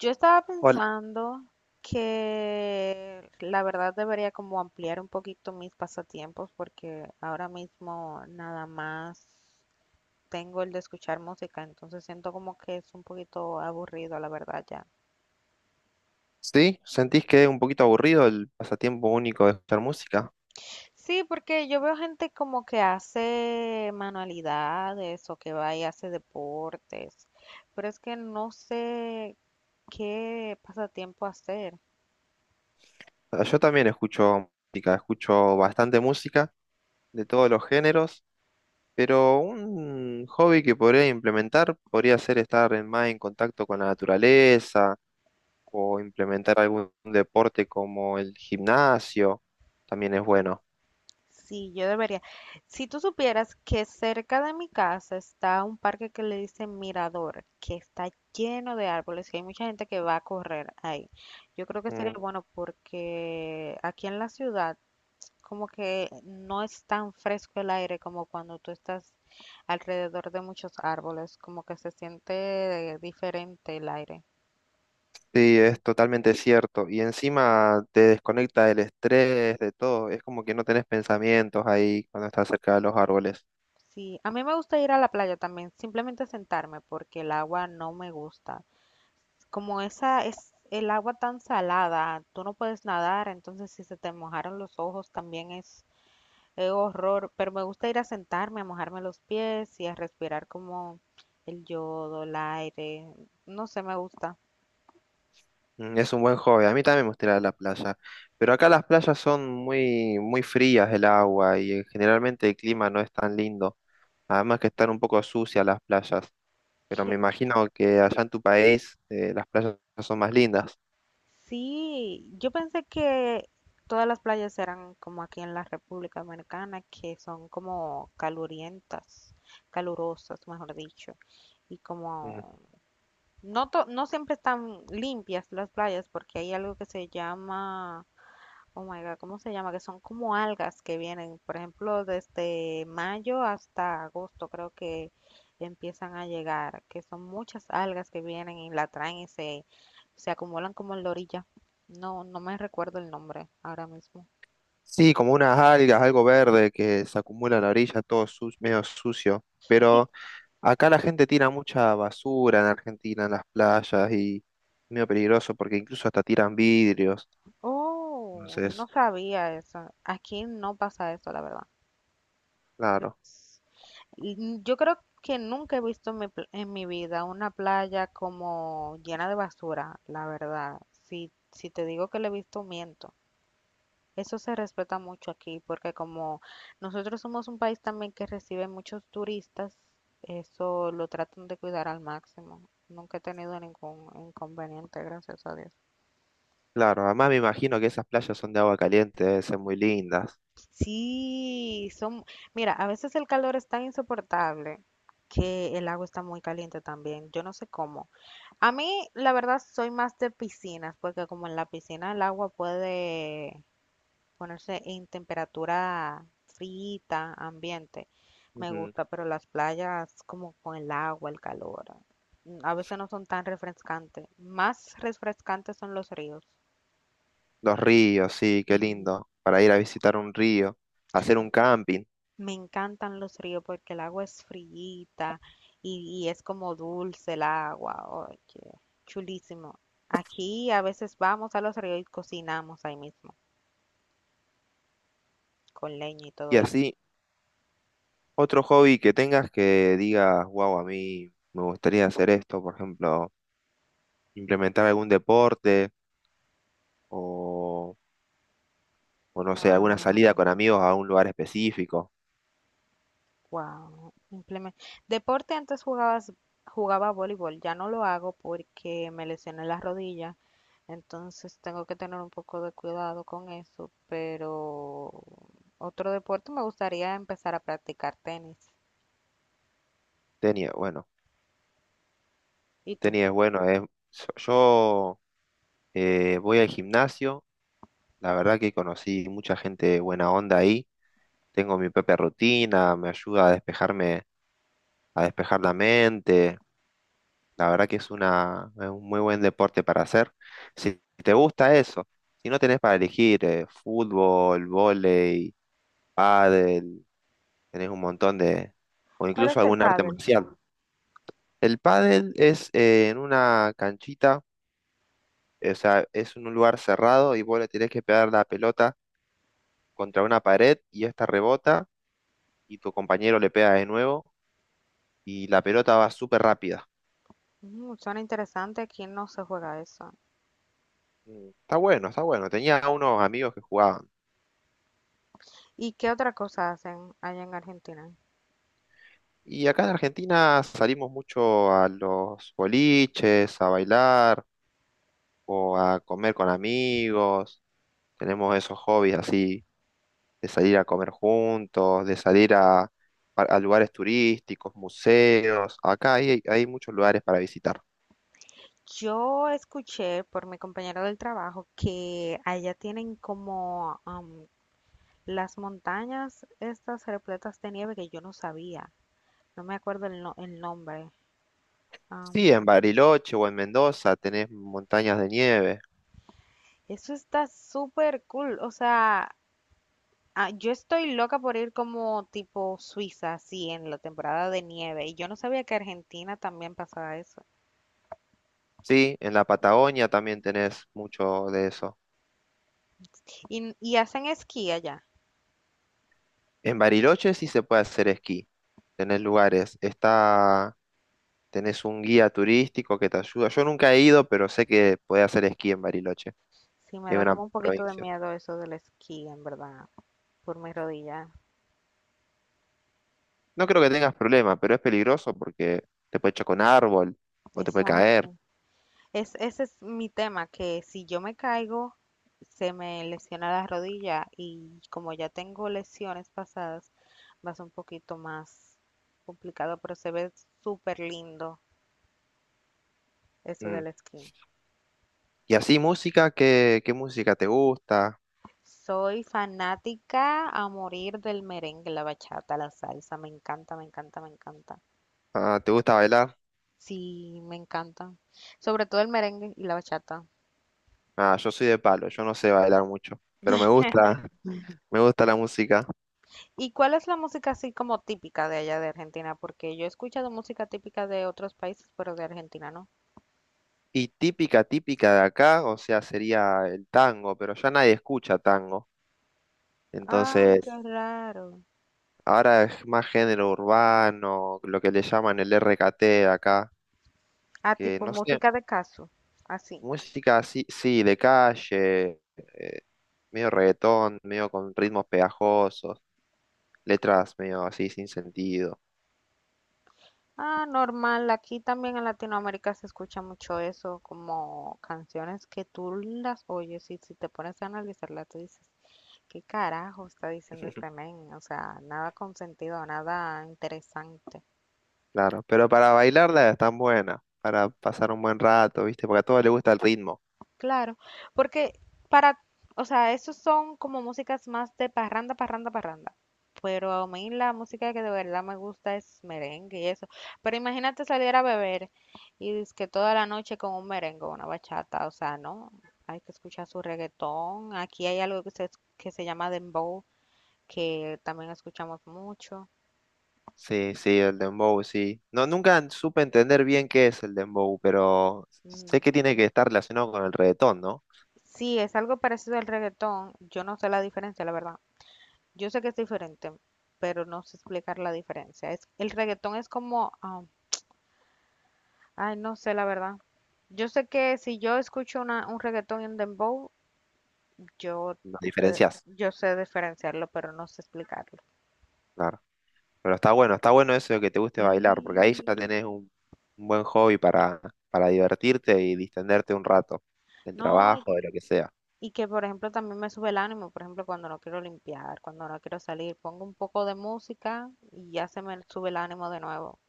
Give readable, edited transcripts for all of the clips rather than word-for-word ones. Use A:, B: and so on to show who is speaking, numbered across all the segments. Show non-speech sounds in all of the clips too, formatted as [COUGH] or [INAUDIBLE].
A: Yo estaba
B: Ol-
A: pensando que la verdad debería como ampliar un poquito mis pasatiempos porque ahora mismo nada más tengo el de escuchar música, entonces siento como que es un poquito aburrido, la verdad ya.
B: ¿Sí? ¿Sentís que es un poquito aburrido el pasatiempo único de escuchar música?
A: Sí, porque yo veo gente como que hace manualidades o que va y hace deportes, pero es que no sé qué pasatiempo hacer.
B: Ah, yo también escucho música, escucho bastante música de todos los géneros, pero un hobby que podría implementar podría ser estar en- más en contacto con la naturaleza o implementar algún deporte como el gimnasio, también es bueno.
A: Sí, yo debería. Si tú supieras que cerca de mi casa está un parque que le dicen Mirador, que está lleno de árboles, que hay mucha gente que va a correr ahí. Yo creo que sería
B: Mm.
A: bueno porque aquí en la ciudad como que no es tan fresco el aire como cuando tú estás alrededor de muchos árboles, como que se siente diferente el aire.
B: Sí, es totalmente cierto. Y encima te desconecta del estrés, de todo. Es como que no tenés pensamientos ahí cuando estás cerca de los árboles.
A: Sí, a mí me gusta ir a la playa también, simplemente sentarme porque el agua no me gusta. Como esa es el agua tan salada, tú no puedes nadar, entonces si se te mojaron los ojos también es horror, pero me gusta ir a sentarme, a mojarme los pies y a respirar como el yodo, el aire, no sé, me gusta.
B: Mm, es un buen hobby. A mí también me gusta ir a la playa, pero acá las playas son muy, muy frías el agua y generalmente el clima no es tan lindo. Además que están un poco sucias las playas, pero me
A: Que-
B: imagino que allá en tu país las playas son más lindas.
A: sí, yo pensé que todas las playas eran como aquí en la República Dominicana, que son como calurientas, calurosas, mejor dicho, y
B: Mm.
A: como No, no siempre están limpias las playas porque hay algo que se llama, oh my God, ¿cómo se llama? Que son como algas que vienen, por ejemplo, desde mayo hasta agosto creo que empiezan a llegar, que son muchas algas que vienen y la traen y se acumulan como en la orilla. No, no me recuerdo el nombre ahora mismo.
B: Sí, como unas algas, algo verde que se acumula en la orilla, todo su- medio sucio.
A: Sí,
B: Pero acá la gente tira mucha basura en Argentina en las playas y es medio peligroso porque incluso hasta tiran vidrios.
A: oh, no
B: Entonces,
A: sabía eso. Aquí no pasa eso, la verdad.
B: claro.
A: Es- Yo creo que nunca he visto en mi, en mi vida una playa como llena de basura, la verdad. Si, si te digo que la he visto, miento. Eso se respeta mucho aquí porque como nosotros somos un país también que recibe muchos turistas, eso lo tratan de cuidar al máximo. Nunca he tenido ningún inconveniente, gracias a Dios.
B: Claro, además me imagino que esas playas son de agua caliente, deben ser muy lindas.
A: Sí, son, mira, a veces el calor es tan insoportable que el agua está muy caliente también. Yo no sé cómo. A mí, la verdad, soy más de piscinas, porque como en la piscina el agua puede ponerse en temperatura frita, ambiente, me
B: Ujú.
A: gusta, pero las playas como con el agua, el calor, mm, a veces no son tan refrescantes. Más refrescantes son los ríos.
B: Los ríos, sí, qué
A: Y
B: lindo. Para ir a visitar un río, hacer un camping.
A: me encantan los ríos porque el agua es frillita y es como dulce el agua. Oye, chulísimo. Aquí a veces vamos a los ríos y cocinamos ahí mismo, con leña y
B: Y
A: todo eso.
B: así, otro hobby que tengas que digas, wow, a mí me gustaría hacer esto, por ejemplo, implementar algún deporte o, o no sé, alguna salida
A: Ah,
B: con amigos a un lugar específico.
A: wow. Deporte antes jugabas, jugaba voleibol, ya no lo hago porque me lesioné la rodilla, entonces tengo que tener un poco de cuidado con eso, pero otro deporte me gustaría empezar a practicar tenis.
B: Tenis, bueno,
A: ¿Y tú?
B: tenis es bueno. Es, so, yo voy al gimnasio, la verdad que conocí mucha gente buena onda ahí, tengo mi propia rutina, me ayuda a despejarme, a despejar la mente. La verdad que es una, es un muy buen deporte para hacer. Si te gusta eso, si no tenés para elegir fútbol, vóley, pádel, tenés un montón de, o
A: ¿Cuál
B: incluso
A: es el
B: algún arte
A: pádel?
B: marcial. El pádel es en una canchita, o sea, es en un lugar cerrado y vos le tenés que pegar la pelota contra una pared y esta rebota y tu compañero le pega de nuevo y la pelota va súper rápida.
A: Mm, suena interesante, aquí no se juega eso.
B: Mm, está bueno, está bueno. Tenía unos amigos que jugaban.
A: ¿Y qué otra cosa hacen allá en Argentina?
B: Y acá en Argentina salimos mucho a los boliches, a bailar o a comer con amigos. Tenemos esos hobbies así de salir a comer juntos, de salir a lugares turísticos, museos. Acá hay, hay muchos lugares para visitar.
A: Yo escuché por mi compañero del trabajo que allá tienen como las montañas estas repletas de nieve que yo no sabía. No me acuerdo el, no- el nombre.
B: Sí, en
A: Am,
B: Bariloche o en Mendoza tenés montañas de nieve.
A: eso está súper cool. O sea, ah, yo estoy loca por ir como tipo Suiza, así en la temporada de nieve. Y yo no sabía que Argentina también pasaba eso.
B: Sí, en la Patagonia también tenés mucho de eso.
A: Y hacen esquí allá.
B: En Bariloche sí se puede hacer esquí. Tenés lugares, está, tenés un guía turístico que te ayuda. Yo nunca he ido, pero sé que podés hacer esquí en Bariloche,
A: Sí, me
B: en
A: da
B: una
A: como un poquito de
B: provincia.
A: miedo eso del esquí, en verdad, por mi rodilla.
B: No creo que tengas problema, pero es peligroso porque te puede chocar un árbol o te puede caer.
A: Exacto. Es, ese es mi tema, que si yo me caigo, se me lesiona la rodilla y como ya tengo lesiones pasadas, va a ser un poquito más complicado, pero se ve súper lindo eso
B: Mm.
A: del skin.
B: Y así música, ¿qué, qué música te gusta?
A: Soy fanática a morir del merengue, la bachata, la salsa, me encanta, me encanta, me encanta.
B: Ah, ¿te gusta bailar?
A: Sí, me encantan. Sobre todo el merengue y la bachata.
B: Ah, yo soy de palo, yo no sé bailar mucho, pero me gusta la música.
A: ¿Y cuál es la música así como típica de allá de Argentina? Porque yo he escuchado música típica de otros países, pero de Argentina no.
B: Y típica, típica de acá, o sea, sería el tango, pero ya nadie escucha tango.
A: Ay, qué
B: Entonces,
A: raro.
B: ahora es más género urbano, lo que le llaman el RKT de acá,
A: Ah,
B: que
A: tipo
B: no sé,
A: música de caso, así.
B: música así, sí, de calle, eh, medio reggaetón, medio con ritmos pegajosos, letras medio así sin sentido.
A: Ah, normal. Aquí también en Latinoamérica se escucha mucho eso, como canciones que tú las oyes y si te pones a analizarlas, tú dices, ¿qué carajo está diciendo este
B: [LAUGHS]
A: men? O sea, nada con sentido, nada interesante.
B: Claro, pero para bailarla es tan buena, para pasar un buen rato, ¿viste? Porque a todos les gusta el ritmo.
A: Claro, porque para, o sea, esos son como músicas más de parranda, parranda, parranda. Pero a mí la música que de verdad me gusta es merengue y eso. Pero imagínate salir a beber y es que toda la noche con un merengue, una bachata, o sea, no. Hay que escuchar su reggaetón. Aquí hay algo que se llama dembow, que también escuchamos mucho.
B: Sí, sí, el dembow, sí. No, nunca supe entender bien qué es el dembow, pero
A: Mm,
B: sé que tiene que estar relacionado con el reggaetón, ¿no?
A: sí, es algo parecido al reggaetón. Yo no sé la diferencia, la verdad. Yo sé que es diferente, pero no sé explicar la diferencia. Es, el reggaetón es como, ah, ay, no sé la verdad. Yo sé que si yo escucho un reggaetón y un dembow, yo,
B: Las diferencias,
A: yo sé diferenciarlo, pero no sé explicarlo.
B: claro. Pero está bueno eso de que te guste bailar, porque ahí ya
A: Sí.
B: tenés un buen hobby para divertirte y distenderte un rato del
A: No,
B: trabajo, de lo que sea.
A: y que por ejemplo también me sube el ánimo, por ejemplo, cuando no quiero limpiar, cuando no quiero salir, pongo un poco de música y ya se me sube el ánimo de nuevo.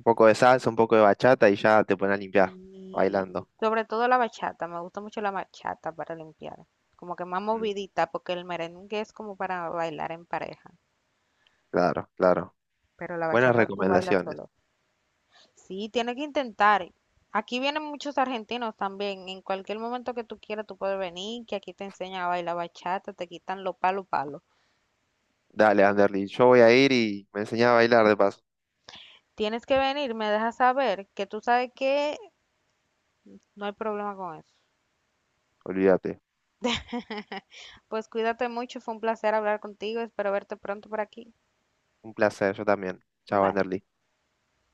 B: Un poco de salsa, un poco de bachata y ya te pones a limpiar,
A: Y
B: bailando.
A: sobre todo la bachata, me gusta mucho la bachata para limpiar. Como que más
B: Mm,
A: movidita, porque el merengue es como para bailar en pareja,
B: claro, claro.
A: pero la
B: Buenas
A: bachata tú bailas
B: recomendaciones.
A: solo. Sí, tienes que intentar. Aquí vienen muchos argentinos también. En cualquier momento que tú quieras, tú puedes venir, que aquí te enseñan a bailar bachata, te quitan los palos, palos.
B: Dale, Anderly, yo voy a ir y me enseñás a bailar de paso.
A: Tienes que venir, me dejas saber que tú sabes que no hay problema con eso.
B: Olvídate.
A: [LAUGHS] Pues cuídate mucho, fue un placer hablar contigo, espero verte pronto por aquí.
B: Un placer, yo también. Chao,
A: Bye.
B: Anderly.